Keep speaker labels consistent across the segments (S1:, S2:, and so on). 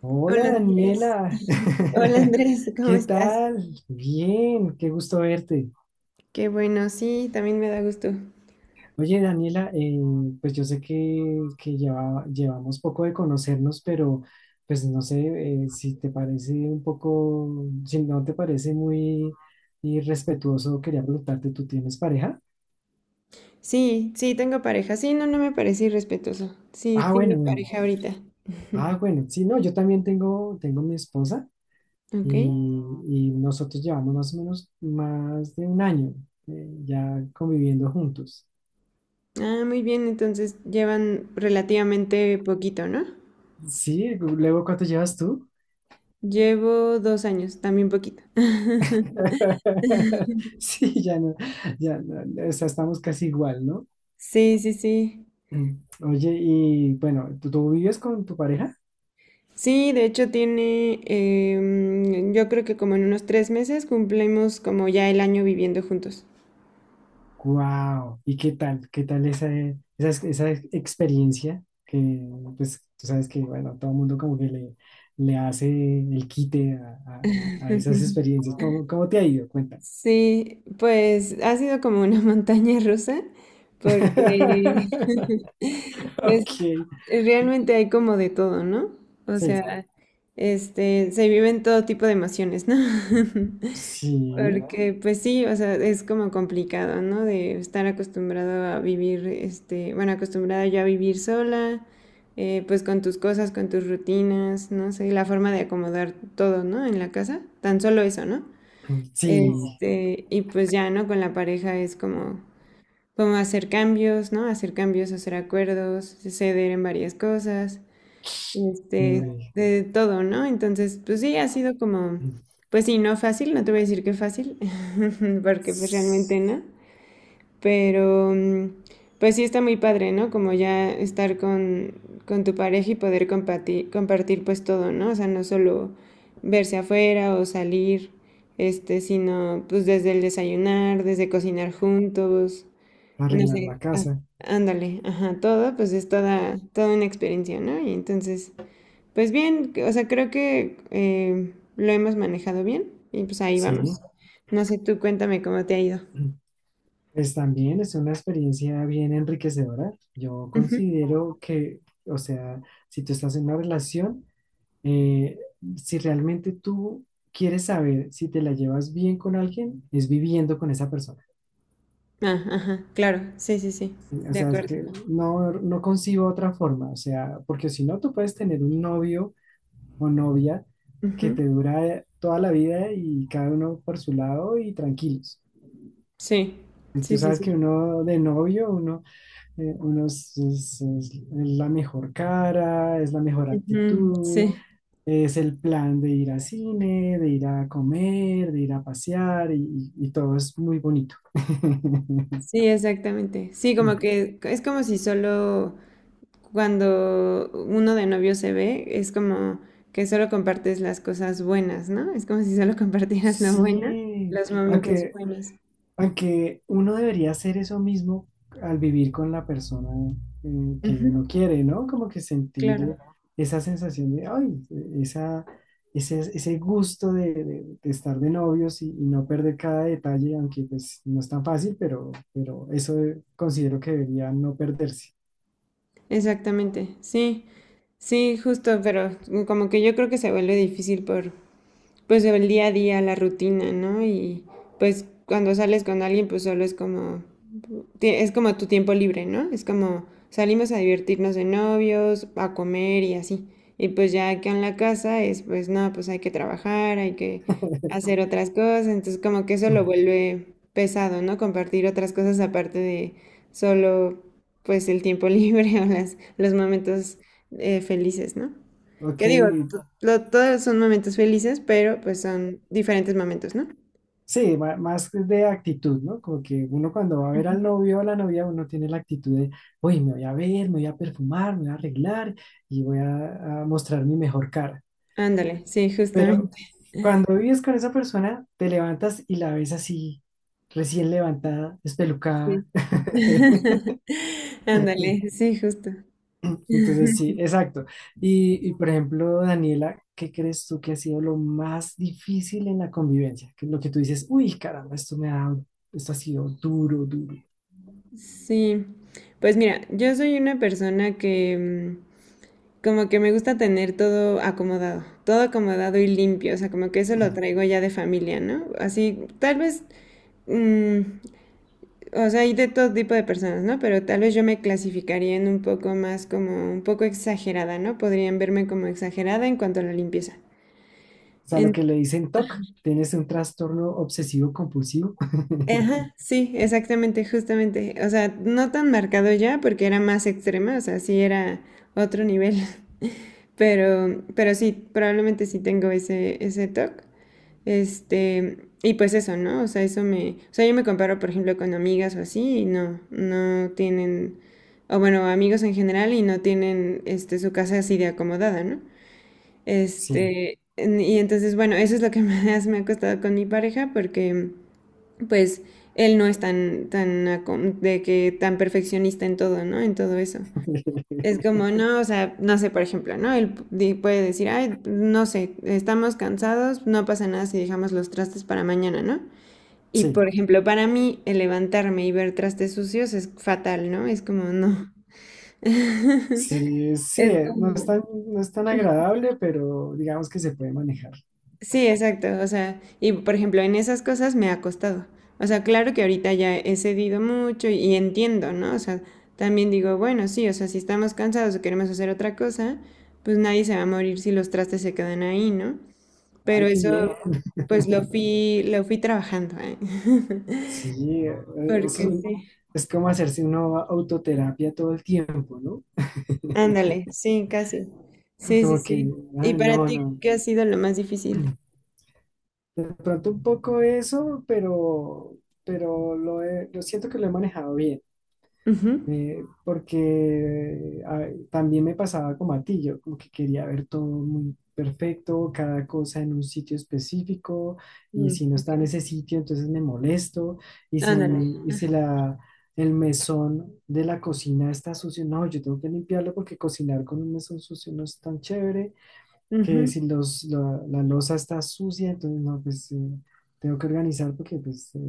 S1: Hola
S2: Hola Andrés.
S1: Daniela,
S2: Hola Andrés, ¿cómo
S1: ¿qué
S2: estás?
S1: tal? Bien, qué gusto verte.
S2: Qué bueno, sí, también me da gusto.
S1: Oye Daniela, pues yo sé que llevamos poco de conocernos, pero pues no sé si te parece un poco, si no te parece muy irrespetuoso, quería preguntarte, ¿tú tienes pareja?
S2: Sí, sí, tengo pareja. Sí, no, no me parece irrespetuoso. Sí,
S1: Ah,
S2: tengo
S1: bueno, bueno.
S2: pareja ahorita.
S1: Ah, bueno, sí, no, yo también tengo mi esposa
S2: Ok.
S1: y nosotros llevamos más o menos más de un año ya conviviendo juntos.
S2: Ah, muy bien, entonces llevan relativamente poquito, ¿no?
S1: Sí, luego, ¿cuánto llevas tú?
S2: Llevo 2 años, también poquito.
S1: Sí, ya no, o sea, estamos casi igual, ¿no?
S2: Sí, sí, sí.
S1: Mm. Oye, y bueno, ¿tú vives con tu pareja?
S2: Sí, de hecho tiene, yo creo que como en unos 3 meses cumplimos como ya el año viviendo juntos.
S1: ¡Wow! ¿Y qué tal? ¿Qué tal esa experiencia? Que pues tú sabes que, bueno, todo el mundo como que le hace el quite a esas experiencias. ¿Cómo, cómo te ha ido? Cuéntame.
S2: Sí, pues ha sido como una montaña rusa, porque pues,
S1: Ok,
S2: realmente hay como de todo, ¿no? O
S1: sí,
S2: sea, este, se viven todo tipo de emociones, ¿no?
S1: sí,
S2: Porque, pues sí, o sea, es como complicado, ¿no? De estar acostumbrado a vivir, este, bueno, acostumbrada yo a vivir sola, pues con tus cosas, con tus rutinas, no sé, la forma de acomodar todo, ¿no? En la casa, tan solo eso, ¿no?
S1: sí.
S2: Este, y pues ya, ¿no? Con la pareja es como, como hacer cambios, ¿no? Hacer cambios, hacer acuerdos, ceder en varias cosas, este,
S1: Uy.
S2: de todo, ¿no? Entonces, pues sí, ha sido como, pues sí, no fácil, no te voy a decir que fácil, porque pues realmente no, pero, pues sí está muy padre, ¿no? Como ya estar con tu pareja y poder compartir, compartir pues todo, ¿no? O sea, no solo verse afuera o salir, este, sino pues desde el desayunar, desde cocinar juntos, no
S1: Arreglar la
S2: sé,
S1: casa,
S2: ándale, ajá, todo, pues es toda una experiencia, ¿no? Y entonces, pues bien, o sea, creo que lo hemos manejado bien y pues ahí vamos.
S1: sí.
S2: No sé, tú cuéntame cómo te ha ido.
S1: Pues también es una experiencia bien enriquecedora. Yo considero que, o sea, si tú estás en una relación, eh, si realmente tú quieres saber si te la llevas bien con alguien, es viviendo con esa persona.
S2: Ah, ajá, claro, sí, sí, sí,
S1: Sí, o
S2: de
S1: sea, es
S2: acuerdo.
S1: que no, no concibo otra forma. O sea, porque si no, tú puedes tener un novio o novia que
S2: Ujú,
S1: te dura toda la vida y cada uno por su lado y tranquilos.
S2: sí,
S1: Y tú
S2: sí, sí,
S1: sabes que
S2: sí.
S1: uno de novio, uno, uno es la mejor cara, es la mejor
S2: Ujú, sí,
S1: actitud, es el plan de ir al cine, de ir a comer, de ir a pasear y todo es muy bonito.
S2: sí, exactamente. Sí, como que es como si solo cuando uno de novio se ve, es como que solo compartes las cosas buenas, ¿no? Es como si solo compartieras lo buena,
S1: Sí,
S2: los momentos
S1: aunque
S2: buenos.
S1: Aunque uno debería hacer eso mismo al vivir con la persona que
S2: Ujú,
S1: uno quiere, ¿no? Como que sentir
S2: claro,
S1: esa sensación de, ay, ese gusto de estar de novios y no perder cada detalle, aunque pues no es tan fácil, pero eso considero que debería no perderse.
S2: exactamente, sí, sí, justo, pero como que yo creo que se vuelve difícil por... pues el día a día, la rutina, ¿no? Y pues cuando sales con alguien, pues solo es como tu tiempo libre, ¿no? Es como salimos a divertirnos de novios, a comer y así. Y pues ya que en la casa es, pues no, pues hay que trabajar, hay que hacer otras cosas, entonces como que eso lo vuelve pesado, ¿no? Compartir otras cosas aparte de solo, pues el tiempo libre o las, los momentos felices, ¿no?
S1: Ok,
S2: Que digo, todos son momentos felices, pero pues son diferentes momentos, ¿no?
S1: sí, más de actitud, ¿no? Como que uno cuando va a ver al novio o a la novia, uno tiene la actitud de, uy, me voy a ver, me voy a perfumar, me voy a arreglar y voy a mostrar mi mejor cara.
S2: Ándale, sí,
S1: Pero
S2: justamente,
S1: cuando vives con esa persona, te levantas y la ves así, recién levantada,
S2: sí.
S1: espelucada.
S2: Ándale, sí, justo.
S1: Entonces, sí, exacto. Y por ejemplo, Daniela, ¿qué crees tú que ha sido lo más difícil en la convivencia? Que lo que tú dices, uy, caramba, esto me ha, esto ha sido duro, duro.
S2: Sí. Pues mira, yo soy una persona que como que me gusta tener todo acomodado y limpio, o sea, como que eso lo traigo ya de familia, ¿no? Así, tal vez mm, o sea, hay de todo tipo de personas, ¿no? Pero tal vez yo me clasificaría en un poco más como un poco exagerada, ¿no? Podrían verme como exagerada en cuanto a la limpieza.
S1: O sea, lo
S2: En-
S1: que le dicen TOC, tienes un trastorno obsesivo compulsivo.
S2: Ajá, sí, exactamente, justamente. O sea, no tan marcado ya porque era más extrema, o sea, sí era otro nivel. Pero, sí, probablemente sí tengo ese toque. Este, y pues eso, ¿no? O sea, eso me, o sea, yo me comparo, por ejemplo, con amigas o así y no, no tienen, o bueno, amigos en general y no tienen, este, su casa así de acomodada, ¿no?
S1: Sí,
S2: Este, y entonces, bueno, eso es lo que más me ha costado con mi pareja porque, pues, él no es tan, de que tan perfeccionista en todo, ¿no? En todo eso. Es como, no, o sea, no sé, por ejemplo, ¿no? Él puede decir, ay, no sé, estamos cansados, no pasa nada si dejamos los trastes para mañana, ¿no? Y, por
S1: sí,
S2: ejemplo, para mí, el levantarme y ver trastes sucios es fatal, ¿no? Es como, no.
S1: sí, sí,
S2: Es
S1: no es
S2: como...
S1: tan, no es tan agradable, pero digamos que se puede manejar.
S2: Sí, exacto, o sea, y, por ejemplo, en esas cosas me ha costado. O sea, claro que ahorita ya he cedido mucho y entiendo, ¿no? O sea, también digo, bueno, sí, o sea, si estamos cansados o queremos hacer otra cosa, pues nadie se va a morir si los trastes se quedan ahí, ¿no? Pero
S1: Ay, qué
S2: eso
S1: bien.
S2: pues lo fui trabajando, ¿eh?
S1: Sí, eso es
S2: Porque
S1: un-
S2: sí,
S1: es como hacerse una autoterapia todo el tiempo, ¿no?
S2: ándale, sí, casi. Sí, sí,
S1: Como que,
S2: sí. ¿Y
S1: ah,
S2: para
S1: no,
S2: ti
S1: no.
S2: qué ha sido lo más difícil?
S1: De pronto un poco eso, pero, lo siento que lo he manejado bien.
S2: Ujú.
S1: También me pasaba como a ti, yo como que quería ver todo muy perfecto, cada cosa en un sitio específico, y
S2: Mm,
S1: si no está en
S2: ok.
S1: ese sitio, entonces me molesto,
S2: Ándale.
S1: y si la, el mesón de la cocina está sucio, no, yo tengo que limpiarlo porque cocinar con un mesón sucio no es tan chévere, que
S2: Ujú,
S1: si los, la loza está sucia, entonces no, tengo que organizar porque pues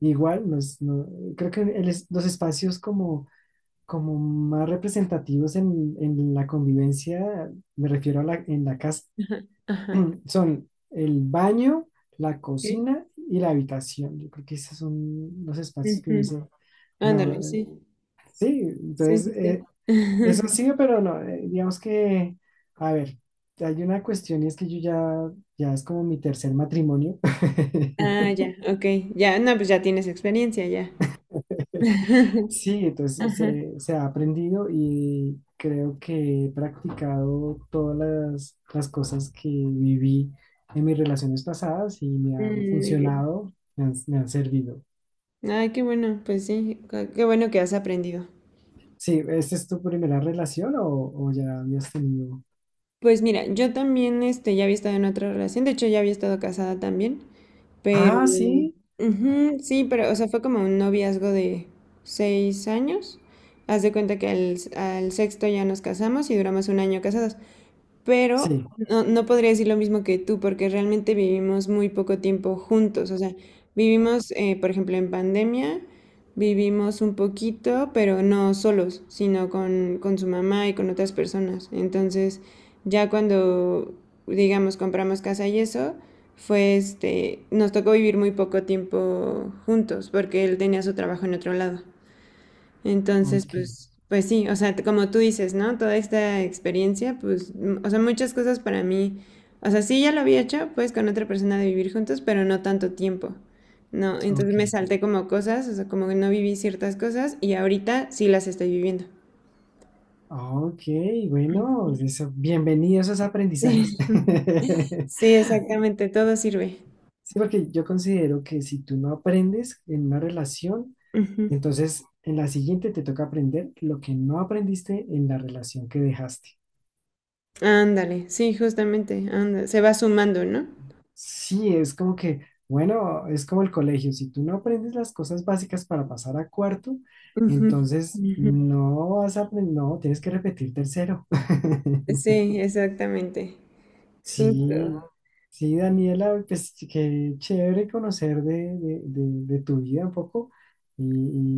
S1: igual, creo que los espacios como como más representativos en la convivencia, me refiero a en la casa,
S2: Ajá. Ajá.
S1: son el baño, la
S2: Ok.
S1: cocina y la habitación. Yo creo que esos son los espacios que uno
S2: Ujú.
S1: dice, no,
S2: Ándale, sí.
S1: sí,
S2: Sí,
S1: entonces
S2: sí, sí.
S1: eso sí, pero no, digamos que, a ver, hay una cuestión y es que yo ya, ya es como mi tercer matrimonio.
S2: Ah, ya, ok. Ya, no, pues ya tienes experiencia, ya.
S1: Sí, entonces
S2: Ajá.
S1: se ha aprendido y creo que he practicado todas las cosas que viví en mis relaciones pasadas y me han
S2: Mm, muy bien.
S1: funcionado, me han servido.
S2: Ay, qué bueno, pues sí, qué bueno que has aprendido.
S1: Sí, ¿esta es tu primera relación o ya habías tenido?
S2: Pues mira, yo también este, ya había estado en otra relación, de hecho ya había estado casada también, pero
S1: Ah, sí,
S2: ujú, sí, pero o sea, fue como un noviazgo de 6 años. Haz de cuenta que al sexto ya nos casamos y duramos un año casados pero
S1: sí,
S2: no, no podría decir lo mismo que tú, porque realmente vivimos muy poco tiempo juntos. O sea, vivimos, por ejemplo, en pandemia, vivimos un poquito, pero no solos, sino con su mamá y con otras personas. Entonces, ya cuando, digamos, compramos casa y eso, fue este, nos tocó vivir muy poco tiempo juntos, porque él tenía su trabajo en otro lado. Entonces,
S1: ok,
S2: pues, pues sí, o sea, como tú dices, ¿no? Toda esta experiencia, pues, mm, o sea, muchas cosas para mí, o sea, sí ya lo había hecho, pues, con otra persona de vivir juntos, pero no tanto tiempo, ¿no? Entonces
S1: ok,
S2: me salté como cosas, o sea, como que no viví ciertas cosas y ahorita sí las estoy viviendo.
S1: ok, bueno, eso, bienvenidos a esos aprendizajes.
S2: Sí, sí, exactamente, todo sirve.
S1: Sí, porque yo considero que si tú no aprendes en una relación,
S2: Ujú.
S1: entonces, en la siguiente te toca aprender lo que no aprendiste en la relación que dejaste.
S2: Ándale, sí, justamente, anda, se va sumando, ¿no?
S1: Sí, es como que, bueno, es como el colegio. Si tú no aprendes las cosas básicas para pasar a cuarto,
S2: Ujú,
S1: entonces
S2: ujú.
S1: no vas a aprender, no, tienes que repetir tercero.
S2: Sí, exactamente,
S1: Sí,
S2: justo.
S1: sí, Daniela, pues qué chévere conocer de tu vida un poco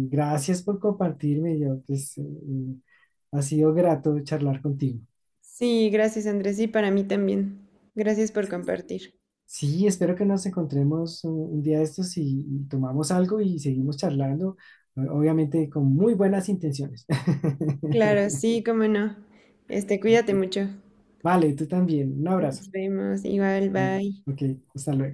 S1: y gracias por compartirme. Yo, pues, ha sido grato charlar contigo.
S2: Sí, gracias Andrés, sí, para mí también. Gracias por compartir.
S1: Sí, espero que nos encontremos un día de estos y tomamos algo y seguimos charlando, obviamente con muy buenas intenciones.
S2: Claro, sí, cómo no. Este, cuídate mucho.
S1: Vale, tú también. Un abrazo.
S2: Nos vemos, igual,
S1: Bueno,
S2: bye.
S1: ok, hasta luego.